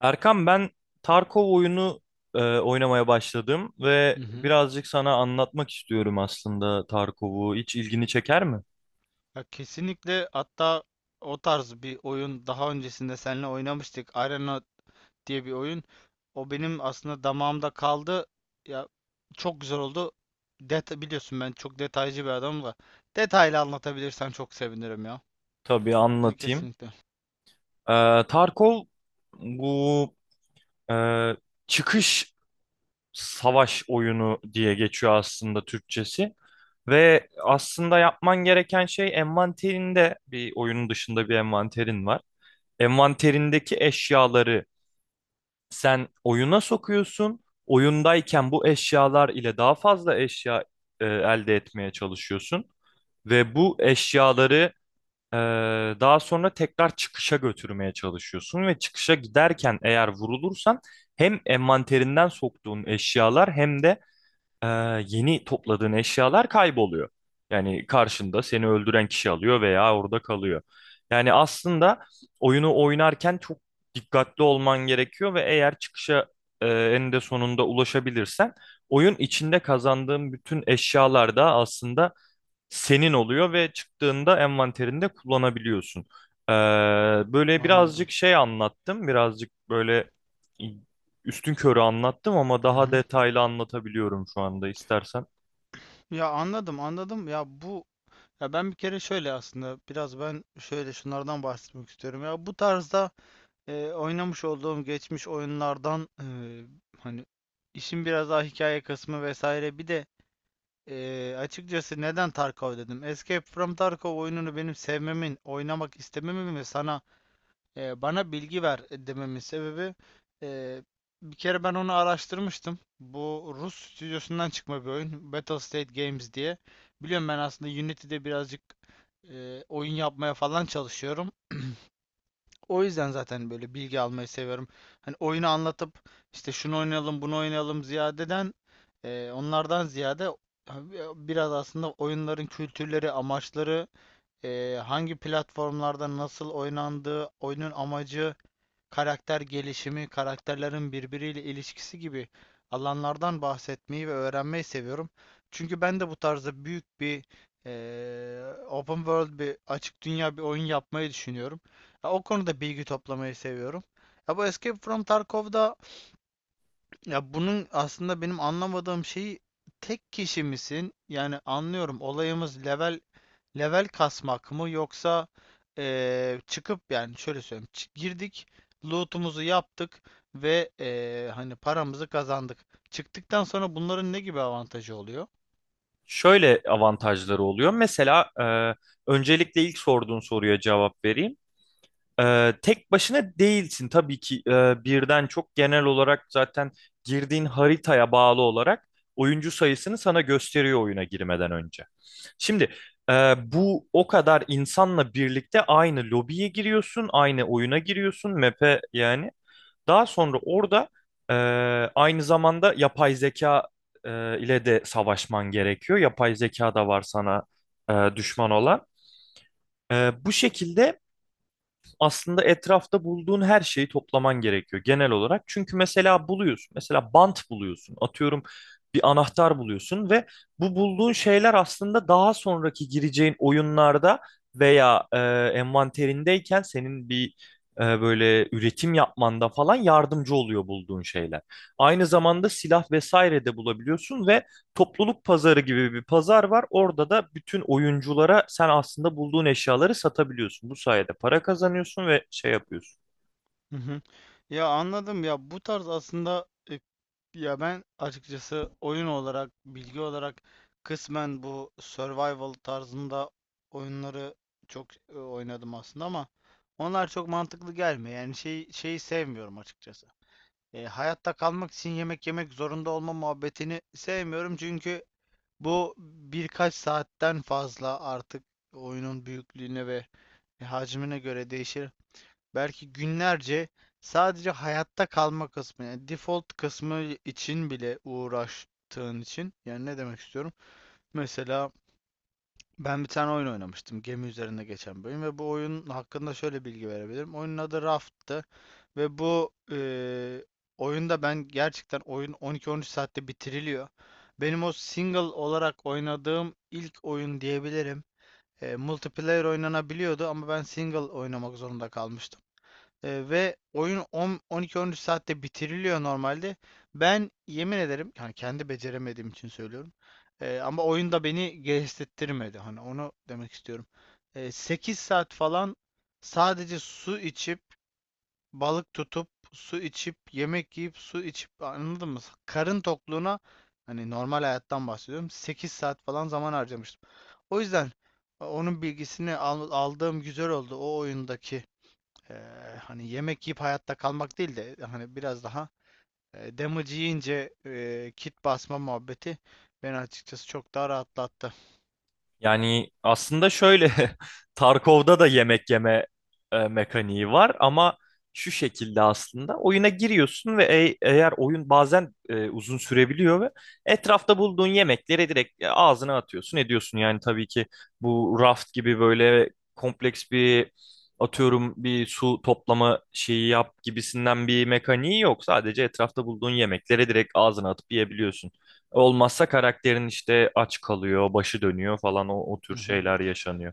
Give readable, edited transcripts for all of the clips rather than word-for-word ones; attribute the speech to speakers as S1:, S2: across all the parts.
S1: Erkan ben Tarkov oyunu oynamaya başladım ve
S2: Hı hı.
S1: birazcık sana anlatmak istiyorum aslında Tarkov'u. Hiç ilgini çeker mi?
S2: Ya kesinlikle hatta o tarz bir oyun daha öncesinde seninle oynamıştık. Arena diye bir oyun. O benim aslında damağımda kaldı. Ya çok güzel oldu. Biliyorsun ben çok detaycı bir adamım da. Detaylı anlatabilirsen çok sevinirim ya.
S1: Tabii
S2: Yani
S1: anlatayım.
S2: kesinlikle.
S1: E, Tarkov bu e, çıkış savaş oyunu diye geçiyor aslında Türkçesi. Ve aslında yapman gereken şey envanterinde, bir oyunun dışında bir envanterin var. Envanterindeki eşyaları sen oyuna sokuyorsun. Oyundayken bu eşyalar ile daha fazla eşya elde etmeye çalışıyorsun ve bu eşyaları e, daha sonra tekrar çıkışa götürmeye çalışıyorsun ve çıkışa giderken eğer vurulursan hem envanterinden soktuğun eşyalar hem de e, yeni topladığın eşyalar kayboluyor. Yani karşında seni öldüren kişi alıyor veya orada kalıyor. Yani aslında oyunu oynarken çok dikkatli olman gerekiyor ve eğer çıkışa eninde sonunda ulaşabilirsen oyun içinde kazandığın bütün eşyalar da aslında senin oluyor ve çıktığında envanterinde kullanabiliyorsun. Ee, Böyle
S2: Anladım.
S1: birazcık şey anlattım, birazcık böyle üstün körü anlattım ama
S2: Hı
S1: daha
S2: hı.
S1: detaylı anlatabiliyorum şu anda istersen.
S2: Ya anladım, anladım. Ya bu Ya ben bir kere şöyle aslında biraz ben şöyle şunlardan bahsetmek istiyorum. Ya bu tarzda oynamış olduğum geçmiş oyunlardan hani işin biraz daha hikaye kısmı vesaire bir de açıkçası neden Tarkov dedim. Escape from Tarkov oyununu benim sevmemin, oynamak istememin ve sana bana bilgi ver dememin sebebi e, bir kere ben onu araştırmıştım. Bu Rus stüdyosundan çıkma bir oyun. Battle State Games diye. Biliyorum ben aslında Unity'de birazcık oyun yapmaya falan çalışıyorum. O yüzden zaten böyle bilgi almayı seviyorum. Hani oyunu anlatıp işte şunu oynayalım, bunu oynayalım ziyadeden onlardan ziyade biraz aslında oyunların kültürleri, amaçları, hangi platformlarda nasıl oynandığı, oyunun amacı, karakter gelişimi, karakterlerin birbiriyle ilişkisi gibi alanlardan bahsetmeyi ve öğrenmeyi seviyorum. Çünkü ben de bu tarzda büyük bir eee, open world bir açık dünya bir oyun yapmayı düşünüyorum. Ya, o konuda bilgi toplamayı seviyorum. Ya bu Escape from Tarkov'da, ya bunun aslında benim anlamadığım şeyi tek kişi misin? Yani anlıyorum olayımız level kasmak mı yoksa çıkıp yani şöyle söyleyeyim girdik, loot'umuzu yaptık ve hani paramızı kazandık. Çıktıktan sonra bunların ne gibi avantajı oluyor?
S1: Şöyle avantajları oluyor. Mesela öncelikle ilk sorduğun soruya cevap vereyim. Tek başına değilsin tabii ki, birden çok, genel olarak zaten girdiğin haritaya bağlı olarak oyuncu sayısını sana gösteriyor oyuna girmeden önce. Şimdi e, bu o kadar insanla birlikte aynı lobiye giriyorsun, aynı oyuna giriyorsun, map'e yani. Daha sonra orada e, aynı zamanda yapay zeka e, ile de savaşman gerekiyor. Yapay zeka da var sana düşman olan. Bu şekilde aslında etrafta bulduğun her şeyi toplaman gerekiyor genel olarak. Çünkü mesela buluyorsun, mesela bant buluyorsun, atıyorum bir anahtar buluyorsun ve bu bulduğun şeyler aslında daha sonraki gireceğin oyunlarda veya envanterindeyken senin bir böyle üretim yapmanda falan yardımcı oluyor, bulduğun şeyler. Aynı zamanda silah vesaire de bulabiliyorsun ve topluluk pazarı gibi bir pazar var. Orada da bütün oyunculara sen aslında bulduğun eşyaları satabiliyorsun. Bu sayede para kazanıyorsun ve şey yapıyorsun.
S2: Hı hı. Ya anladım, ya bu tarz aslında, ya ben açıkçası oyun olarak bilgi olarak kısmen bu survival tarzında oyunları çok oynadım aslında ama onlar çok mantıklı gelmiyor. Yani şey şeyi sevmiyorum açıkçası. Hayatta kalmak için yemek yemek zorunda olma muhabbetini sevmiyorum çünkü bu birkaç saatten fazla artık oyunun büyüklüğüne ve hacmine göre değişir. Belki günlerce sadece hayatta kalma kısmı, yani default kısmı için bile uğraştığın için, yani ne demek istiyorum? Mesela ben bir tane oyun oynamıştım. Gemi üzerinde geçen bir oyun ve bu oyun hakkında şöyle bilgi verebilirim. Oyunun adı Raft'tı ve bu oyunda, ben gerçekten oyun 12-13 saatte bitiriliyor. Benim o single olarak oynadığım ilk oyun diyebilirim. Multiplayer oynanabiliyordu ama ben single oynamak zorunda kalmıştım. Ve oyun 10 12-13 saatte bitiriliyor normalde. Ben yemin ederim, yani kendi beceremediğim için söylüyorum. Ama oyun da beni gevşetirmedi. Hani onu demek istiyorum. 8 saat falan sadece su içip, balık tutup, su içip, yemek yiyip, su içip, anladın mı? Karın tokluğuna, hani normal hayattan bahsediyorum. 8 saat falan zaman harcamıştım. O yüzden onun bilgisini aldığım güzel oldu o oyundaki. eee, Hani yemek yiyip hayatta kalmak değil de hani biraz daha damage yiyince kit basma muhabbeti beni açıkçası çok daha rahatlattı.
S1: Yani aslında şöyle Tarkov'da da yemek yeme mekaniği var ama şu şekilde aslında oyuna giriyorsun ve eğer oyun bazen uzun sürebiliyor ve etrafta bulduğun yemekleri direkt ağzına atıyorsun, ediyorsun. Yani tabii ki bu raft gibi böyle kompleks bir, atıyorum, bir su toplama şeyi yap gibisinden bir mekaniği yok. Sadece etrafta bulduğun yemekleri direkt ağzına atıp yiyebiliyorsun. Olmazsa karakterin işte aç kalıyor, başı dönüyor falan, o tür
S2: Hı hı.
S1: şeyler yaşanıyor.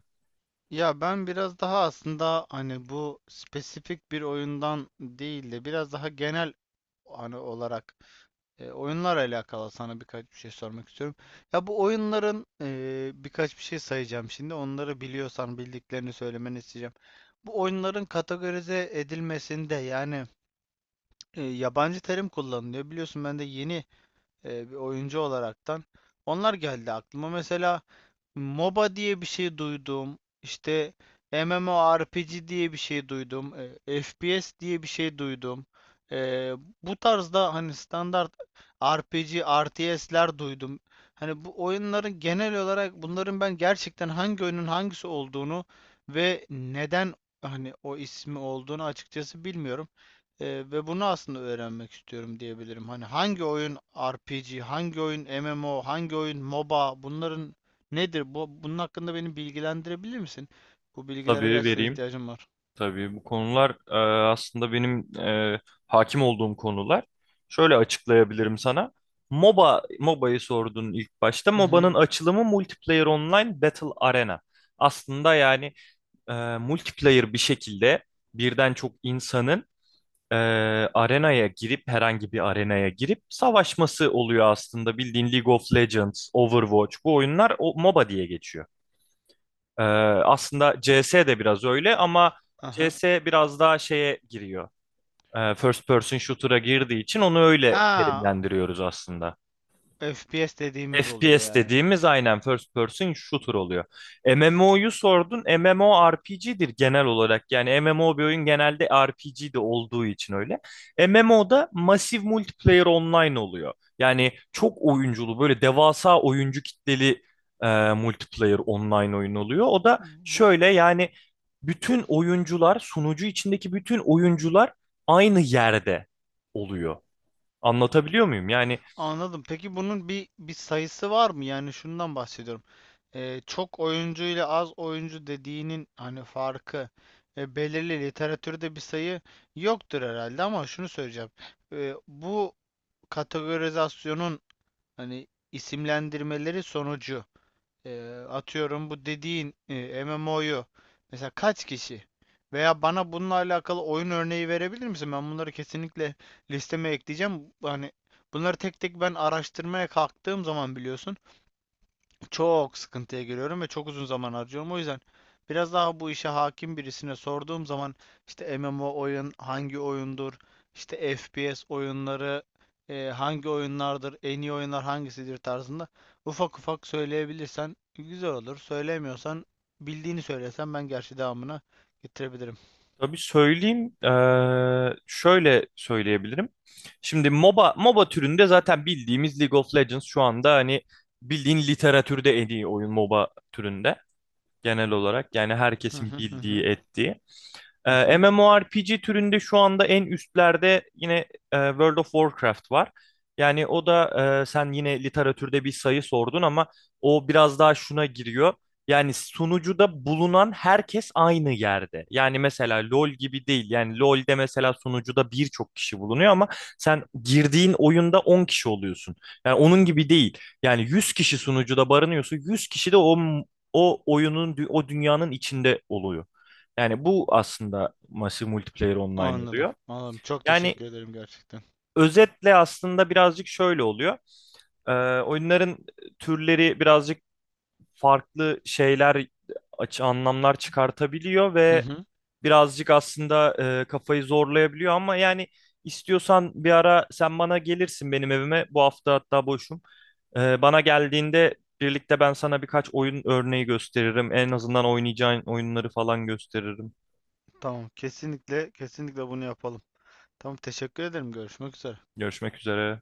S2: Ya ben biraz daha aslında, hani bu spesifik bir oyundan değil de biraz daha genel hani olarak, oyunlar alakalı sana birkaç bir şey sormak istiyorum. Ya bu oyunların, birkaç bir şey sayacağım şimdi. Onları biliyorsan bildiklerini söylemeni isteyeceğim. Bu oyunların kategorize edilmesinde yani yabancı terim kullanılıyor. Biliyorsun, ben de yeni bir oyuncu olaraktan, onlar geldi aklıma. Mesela MOBA diye bir şey duydum. İşte MMORPG diye bir şey duydum. FPS diye bir şey duydum. E, Bu tarzda hani standart RPG, RTS'ler duydum. Hani bu oyunların genel olarak, bunların ben gerçekten hangi oyunun hangisi olduğunu ve neden hani o ismi olduğunu açıkçası bilmiyorum. Ee, Ve bunu aslında öğrenmek istiyorum diyebilirim. Hani hangi oyun RPG, hangi oyun MMO, hangi oyun MOBA, bunların nedir? Bunun hakkında beni bilgilendirebilir misin? Bu bilgilere
S1: Tabii
S2: gerçekten
S1: vereyim.
S2: ihtiyacım var.
S1: Tabii bu konular aslında benim hakim olduğum konular. Şöyle açıklayabilirim sana. MOBA, MOBA'yı sordun ilk başta.
S2: Hı hı.
S1: MOBA'nın açılımı Multiplayer Online Battle Arena. Aslında yani e, multiplayer bir şekilde birden çok insanın e, arenaya girip, herhangi bir arenaya girip savaşması oluyor aslında. Bildiğin League of Legends, Overwatch, bu oyunlar o MOBA diye geçiyor. E, Aslında CS de biraz öyle ama
S2: Aha.
S1: CS biraz daha şeye giriyor. First person shooter'a girdiği için onu öyle
S2: Ha,
S1: terimlendiriyoruz aslında.
S2: FPS dediğimiz oluyor
S1: FPS
S2: yani.
S1: dediğimiz aynen first person shooter oluyor. MMO'yu sordun. MMORPG'dir genel olarak. Yani MMO bir oyun genelde RPG de olduğu için öyle. MMO'da masif multiplayer online oluyor. Yani çok oyunculu, böyle devasa oyuncu kitleli e, multiplayer online oyun oluyor. O da
S2: Bu,
S1: şöyle yani, bütün oyuncular, sunucu içindeki bütün oyuncular aynı yerde oluyor. Anlatabiliyor muyum? Yani
S2: Anladım. Peki bunun bir sayısı var mı? Yani şundan bahsediyorum. Çok oyuncu ile az oyuncu dediğinin hani farkı, belirli literatürde bir sayı yoktur herhalde ama şunu söyleyeceğim. Bu kategorizasyonun, hani isimlendirmeleri sonucu, atıyorum bu dediğin MMO'yu mesela kaç kişi, veya bana bununla alakalı oyun örneği verebilir misin? Ben bunları kesinlikle listeme ekleyeceğim. Hani bunları tek tek ben araştırmaya kalktığım zaman biliyorsun, çok sıkıntıya giriyorum ve çok uzun zaman harcıyorum. O yüzden biraz daha bu işe hakim birisine sorduğum zaman, işte MMO oyun hangi oyundur, işte FPS oyunları hangi oyunlardır, en iyi oyunlar hangisidir tarzında ufak ufak söyleyebilirsen güzel olur. Söylemiyorsan bildiğini söylesen, ben gerçi devamını getirebilirim.
S1: tabii söyleyeyim. Şöyle söyleyebilirim. Şimdi MOBA türünde zaten bildiğimiz League of Legends şu anda hani bildiğin literatürde en iyi oyun MOBA türünde genel olarak. Yani
S2: Hı
S1: herkesin
S2: hı hı
S1: bildiği,
S2: hı.
S1: ettiği.
S2: Hı hı.
S1: MMORPG türünde şu anda en üstlerde yine World of Warcraft var. Yani o da, sen yine literatürde bir sayı sordun ama o biraz daha şuna giriyor. Yani sunucuda bulunan herkes aynı yerde. Yani mesela LoL gibi değil. Yani LoL'de mesela sunucuda birçok kişi bulunuyor ama sen girdiğin oyunda 10 kişi oluyorsun. Yani onun gibi değil. Yani 100 kişi sunucuda barınıyorsa, 100 kişi de o oyunun, o dünyanın içinde oluyor. Yani bu aslında Massive Multiplayer Online
S2: Anladım.
S1: oluyor.
S2: Anladım. Çok
S1: Yani
S2: teşekkür ederim gerçekten.
S1: özetle aslında birazcık şöyle oluyor. Ee, Oyunların türleri birazcık farklı şeyler, açı anlamlar çıkartabiliyor
S2: Hı
S1: ve
S2: hı.
S1: birazcık aslında kafayı zorlayabiliyor ama yani istiyorsan bir ara sen bana gelirsin, benim evime. Bu hafta hatta boşum. Bana geldiğinde birlikte ben sana birkaç oyun örneği gösteririm. En azından oynayacağın oyunları falan gösteririm.
S2: Tamam. Kesinlikle kesinlikle bunu yapalım. Tamam. Teşekkür ederim. Görüşmek üzere.
S1: Görüşmek üzere.